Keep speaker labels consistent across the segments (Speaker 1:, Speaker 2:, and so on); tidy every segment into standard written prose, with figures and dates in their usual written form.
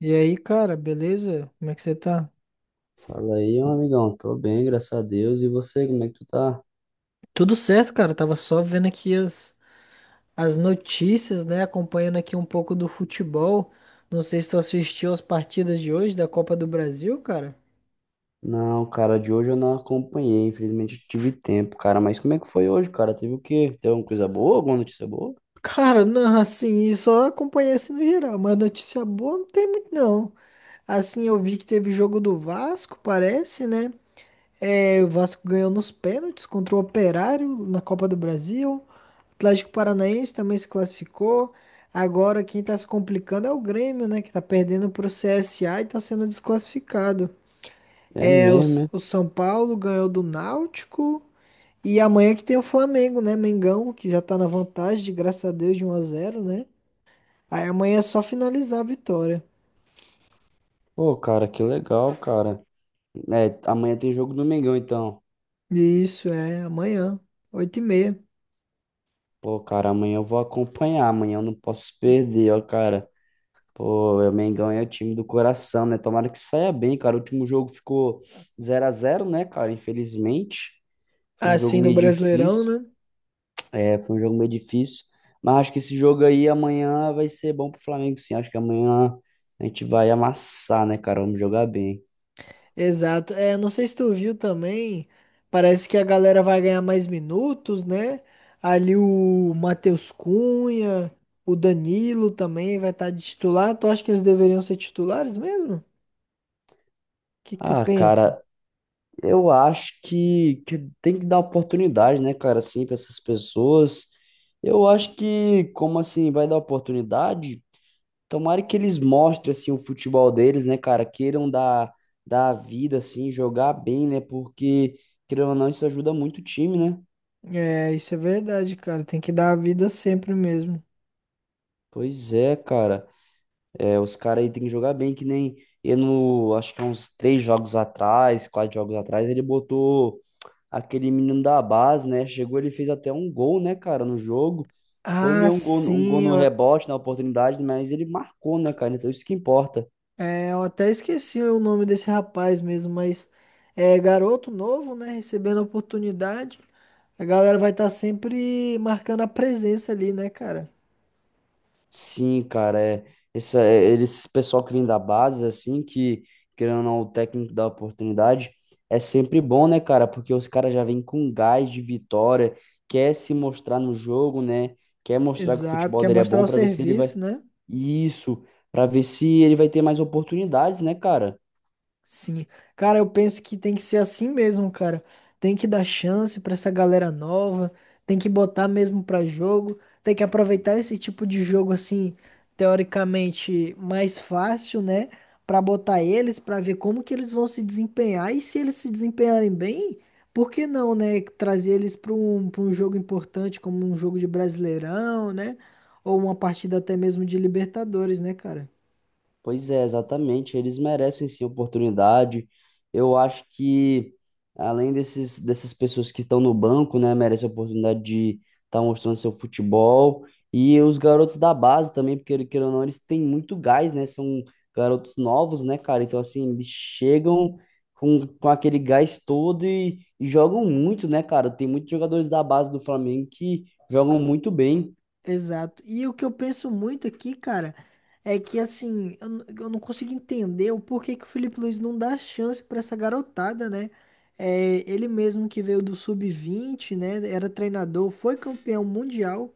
Speaker 1: E aí, cara, beleza? Como é que você tá?
Speaker 2: Fala aí, meu amigão. Tô bem, graças a Deus. E você, como é que tu tá?
Speaker 1: Tudo certo, cara. Tava só vendo aqui as notícias, né? Acompanhando aqui um pouco do futebol. Não sei se tu assistiu as partidas de hoje da Copa do Brasil, cara.
Speaker 2: Não, cara, de hoje eu não acompanhei. Infelizmente eu tive tempo, cara. Mas como é que foi hoje, cara? Teve o quê? Teve alguma coisa boa? Alguma notícia boa?
Speaker 1: Cara, não, assim, só acompanhei assim no geral, mas notícia boa não tem muito, não. Assim, eu vi que teve jogo do Vasco, parece, né? É, o Vasco ganhou nos pênaltis contra o Operário na Copa do Brasil. Atlético Paranaense também se classificou. Agora quem está se complicando é o Grêmio, né? Que está perdendo para pro CSA e está sendo desclassificado.
Speaker 2: É
Speaker 1: É, o,
Speaker 2: mesmo,
Speaker 1: S-
Speaker 2: né?
Speaker 1: o São Paulo ganhou do Náutico. E amanhã que tem o Flamengo, né? Mengão, que já tá na vantagem, de graças a Deus, de 1-0, né? Aí amanhã é só finalizar a vitória.
Speaker 2: Pô, cara, que legal, cara. É, amanhã tem jogo do Mengão, então.
Speaker 1: Isso, é, amanhã, 8:30.
Speaker 2: Pô, cara, amanhã eu vou acompanhar. Amanhã eu não posso perder, ó, cara. Pô, o Mengão é o time do coração, né? Tomara que saia bem, cara. O último jogo ficou zero a zero né, cara? Infelizmente. Foi um jogo
Speaker 1: Assim no
Speaker 2: meio
Speaker 1: Brasileirão,
Speaker 2: difícil.
Speaker 1: né?
Speaker 2: É, foi um jogo meio difícil. Mas acho que esse jogo aí amanhã vai ser bom pro Flamengo, sim. Acho que amanhã a gente vai amassar, né, cara? Vamos jogar bem.
Speaker 1: Exato. É, não sei se tu viu também, parece que a galera vai ganhar mais minutos, né? Ali o Matheus Cunha, o Danilo também vai estar de titular. Tu acha que eles deveriam ser titulares mesmo? O que que tu
Speaker 2: Ah,
Speaker 1: pensa?
Speaker 2: cara, eu acho que tem que dar oportunidade, né, cara, assim, para essas pessoas. Eu acho que, como assim, vai dar oportunidade? Tomara que eles mostrem, assim, o futebol deles, né, cara? Queiram dar a vida, assim, jogar bem, né? Porque, querendo ou não, isso ajuda muito o time, né?
Speaker 1: É, isso é verdade, cara. Tem que dar a vida sempre mesmo.
Speaker 2: Pois é, cara. É, os caras aí tem que jogar bem, que nem eu no, acho que há uns três jogos atrás, quatro jogos atrás, ele botou aquele menino da base, né? Chegou, ele fez até um gol, né, cara, no jogo. Foi
Speaker 1: Ah,
Speaker 2: meio um gol
Speaker 1: sim,
Speaker 2: no
Speaker 1: ó.
Speaker 2: rebote, na oportunidade, mas ele marcou, né, cara? Então isso que importa.
Speaker 1: É, eu até esqueci o nome desse rapaz mesmo, mas é garoto novo, né? Recebendo a oportunidade. A galera vai estar sempre marcando a presença ali, né, cara?
Speaker 2: Sim, cara, é, esse, é, pessoal que vem da base, assim, que, querendo ou não, o técnico dá oportunidade, é sempre bom, né, cara? Porque os caras já vêm com gás de vitória, quer se mostrar no jogo, né? Quer mostrar que o
Speaker 1: Exato,
Speaker 2: futebol
Speaker 1: quer
Speaker 2: dele é
Speaker 1: mostrar
Speaker 2: bom
Speaker 1: o
Speaker 2: pra ver se ele vai.
Speaker 1: serviço, né?
Speaker 2: Isso, pra ver se ele vai ter mais oportunidades, né, cara?
Speaker 1: Sim, cara, eu penso que tem que ser assim mesmo, cara. Tem que dar chance pra essa galera nova, tem que botar mesmo pra jogo, tem que aproveitar esse tipo de jogo assim, teoricamente mais fácil, né, pra botar eles pra ver como que eles vão se desempenhar e se eles se desempenharem bem, por que não, né, trazer eles para um jogo importante como um jogo de Brasileirão, né, ou uma partida até mesmo de Libertadores, né, cara?
Speaker 2: Pois é, exatamente. Eles merecem sim oportunidade. Eu acho que, além desses, dessas pessoas que estão no banco, né, merecem a oportunidade de estar mostrando seu futebol. E os garotos da base também, porque, queira ou não, eles têm muito gás, né? São garotos novos, né, cara? Então, assim, eles chegam com aquele gás todo e jogam muito, né, cara? Tem muitos jogadores da base do Flamengo que jogam muito bem.
Speaker 1: Exato. E o que eu penso muito aqui, cara, é que assim, eu não consigo entender o porquê que o Felipe Luiz não dá chance pra essa garotada, né? É, ele mesmo que veio do sub-20, né? Era treinador, foi campeão mundial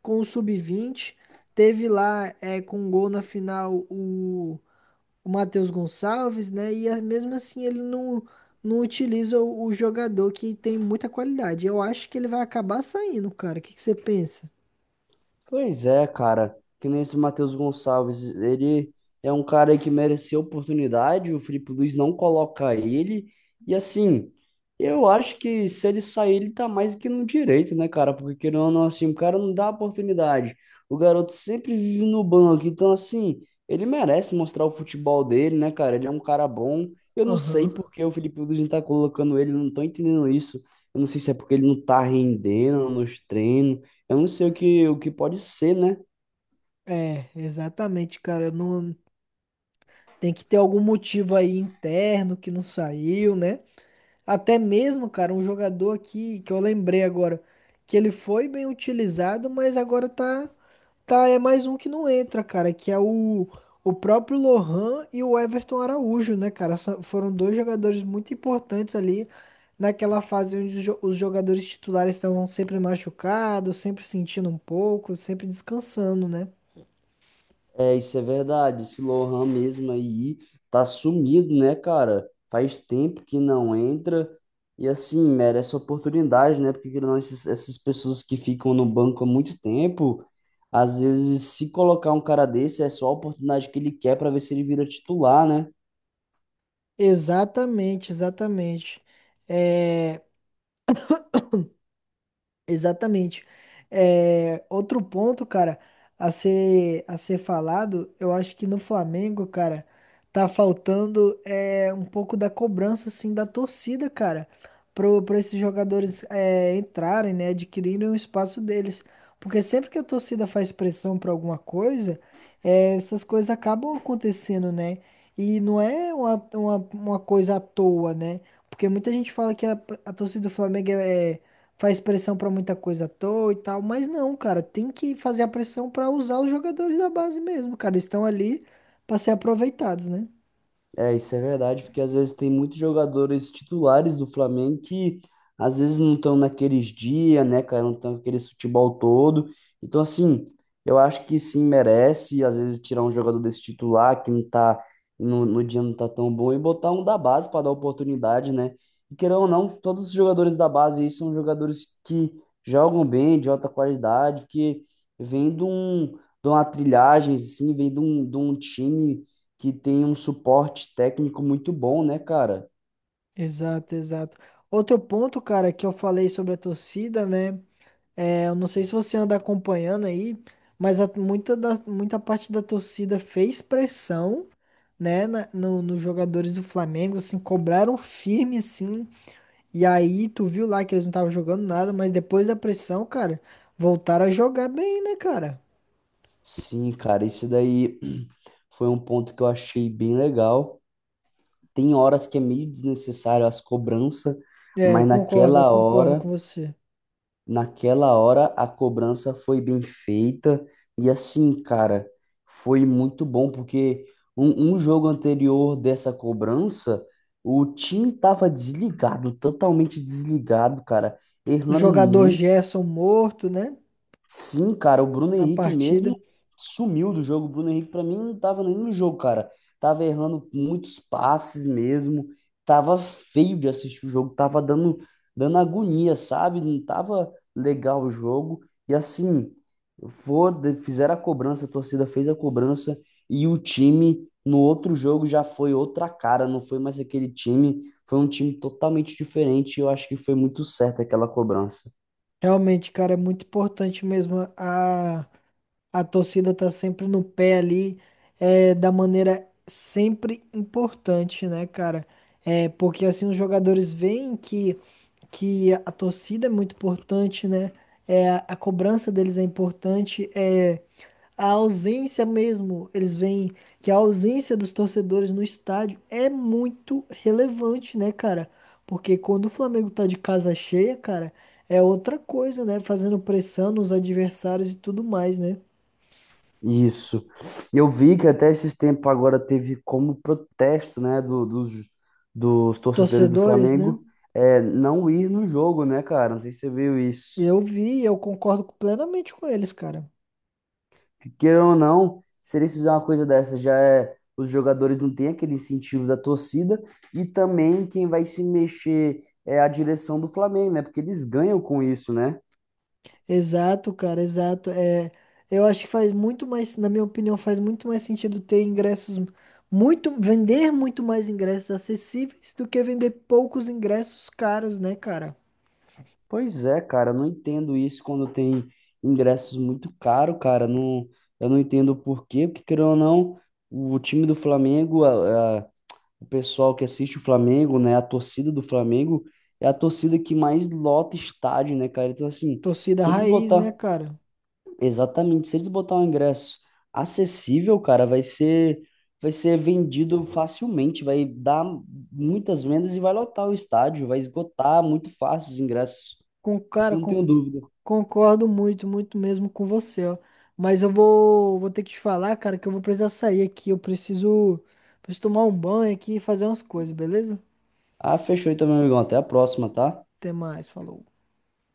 Speaker 1: com o sub-20, teve lá com um gol na final o Matheus Gonçalves, né? Mesmo assim ele não utiliza o jogador que tem muita qualidade. Eu acho que ele vai acabar saindo, cara. O que que você pensa?
Speaker 2: Pois é, cara. Que nem esse Matheus Gonçalves. Ele é um cara que mereceu oportunidade. O Felipe Luiz não coloca ele. E assim, eu acho que se ele sair, ele tá mais do que no direito, né, cara? Porque querendo ou não, assim, o cara não dá oportunidade. O garoto sempre vive no banco. Então, assim, ele merece mostrar o futebol dele, né, cara? Ele é um cara bom. Eu não sei
Speaker 1: Aham.
Speaker 2: por que o Felipe Luiz não tá colocando ele. Eu Não tô entendendo isso. Eu não sei se é porque ele não tá rendendo nos treinos. Eu não sei o que pode ser, né?
Speaker 1: É, exatamente, cara. Não tem que ter algum motivo aí interno que não saiu, né? Até mesmo, cara, um jogador aqui que eu lembrei agora que ele foi bem utilizado, mas agora tá é mais um que não entra, cara, que é o próprio Lohan e o Everton Araújo, né, cara? Foram dois jogadores muito importantes ali naquela fase onde os jogadores titulares estavam sempre machucados, sempre sentindo um pouco, sempre descansando, né?
Speaker 2: É, isso é verdade. Esse Lohan mesmo aí tá sumido, né, cara? Faz tempo que não entra. E assim, merece oportunidade, né? Porque querendo ou não, essas pessoas que ficam no banco há muito tempo, às vezes, se colocar um cara desse, é só a oportunidade que ele quer para ver se ele vira titular, né?
Speaker 1: Exatamente, exatamente. É, exatamente. É, outro ponto, cara, a ser falado, eu acho que no Flamengo, cara, tá faltando um pouco da cobrança, assim, da torcida, cara, pra esses jogadores entrarem, né, adquirirem o espaço deles. Porque sempre que a torcida faz pressão pra alguma coisa, essas coisas acabam acontecendo, né? E não é uma coisa à toa, né? Porque muita gente fala que a torcida do Flamengo faz pressão pra muita coisa à toa e tal, mas não, cara, tem que fazer a pressão pra usar os jogadores da base mesmo, cara, eles estão ali pra ser aproveitados, né?
Speaker 2: É, isso é verdade, porque às vezes tem muitos jogadores titulares do Flamengo que às vezes não estão naqueles dias, né, cara? Não estão naquele futebol todo. Então, assim, eu acho que sim merece, às vezes, tirar um jogador desse titular que não tá no dia não tá tão bom e botar um da base para dar oportunidade, né? E querendo ou não, todos os jogadores da base aí são jogadores que jogam bem, de alta qualidade, que vêm de um, de uma trilhagem, assim, vêm de um time que tem um suporte técnico muito bom, né, cara?
Speaker 1: Exato, exato. Outro ponto, cara, que eu falei sobre a torcida, né? É, eu não sei se você anda acompanhando aí, mas muita parte da torcida fez pressão, né, na- no, nos jogadores do Flamengo, assim, cobraram firme, assim, e aí, tu viu lá que eles não estavam jogando nada, mas depois da pressão, cara, voltaram a jogar bem, né, cara?
Speaker 2: Sim, cara, isso daí foi um ponto que eu achei bem legal. Tem horas que é meio desnecessário as cobranças,
Speaker 1: É,
Speaker 2: mas
Speaker 1: eu concordo com você.
Speaker 2: naquela hora a cobrança foi bem feita e assim, cara, foi muito bom porque um jogo anterior dessa cobrança, o time tava desligado, totalmente desligado, cara,
Speaker 1: O
Speaker 2: errando.
Speaker 1: jogador Gerson morto, né,
Speaker 2: Sim, cara, o Bruno
Speaker 1: na
Speaker 2: Henrique
Speaker 1: partida.
Speaker 2: mesmo sumiu do jogo. O Bruno Henrique, pra mim, não tava nem no jogo, cara. Tava errando muitos passes mesmo. Tava feio de assistir o jogo. Tava dando agonia, sabe? Não tava legal o jogo. E assim, fizeram a cobrança, a torcida fez a cobrança. E o time, no outro jogo, já foi outra cara. Não foi mais aquele time. Foi um time totalmente diferente. Eu acho que foi muito certo aquela cobrança.
Speaker 1: Realmente, cara, é muito importante mesmo. A torcida tá sempre no pé ali, da maneira sempre importante, né, cara? É, porque assim os jogadores veem que a torcida é muito importante, né? É, a cobrança deles é importante. A ausência mesmo, eles veem que a ausência dos torcedores no estádio é muito relevante, né, cara? Porque quando o Flamengo tá de casa cheia, cara, é outra coisa, né? Fazendo pressão nos adversários e tudo mais, né?
Speaker 2: Isso. Eu vi que até esses tempos agora teve como protesto, né, dos torcedores do
Speaker 1: Torcedores, né?
Speaker 2: Flamengo, é, não ir no jogo, né, cara? Não sei se você viu isso.
Speaker 1: Eu vi, e eu concordo plenamente com eles, cara.
Speaker 2: Que queira ou não, se eles fizerem uma coisa dessa, já é, os jogadores não têm aquele incentivo da torcida e também quem vai se mexer é a direção do Flamengo, né? Porque eles ganham com isso, né?
Speaker 1: Exato, cara, exato. É, eu acho que faz muito mais, na minha opinião, faz muito mais sentido ter ingressos muito, vender muito mais ingressos acessíveis do que vender poucos ingressos caros, né, cara?
Speaker 2: Pois é, cara, eu não entendo isso quando tem ingressos muito caros, cara. Não, eu não entendo o porquê, porque querendo ou não, o time do Flamengo, o pessoal que assiste o Flamengo, né, a torcida do Flamengo é a torcida que mais lota estádio, né, cara? Então assim,
Speaker 1: Torcida
Speaker 2: se eles
Speaker 1: raiz,
Speaker 2: botar,
Speaker 1: né, cara?
Speaker 2: exatamente, se eles botar um ingresso acessível, cara, vai ser vendido facilmente, vai dar muitas vendas e vai lotar o estádio, vai esgotar muito fácil os ingressos. Isso
Speaker 1: Cara,
Speaker 2: eu não tenho dúvida.
Speaker 1: concordo muito, muito mesmo com você, ó. Mas eu vou ter que te falar, cara, que eu vou precisar sair aqui. Eu preciso tomar um banho aqui e fazer umas coisas, beleza?
Speaker 2: Ah, fechou então, meu amigão. Até a próxima, tá?
Speaker 1: Até mais, falou.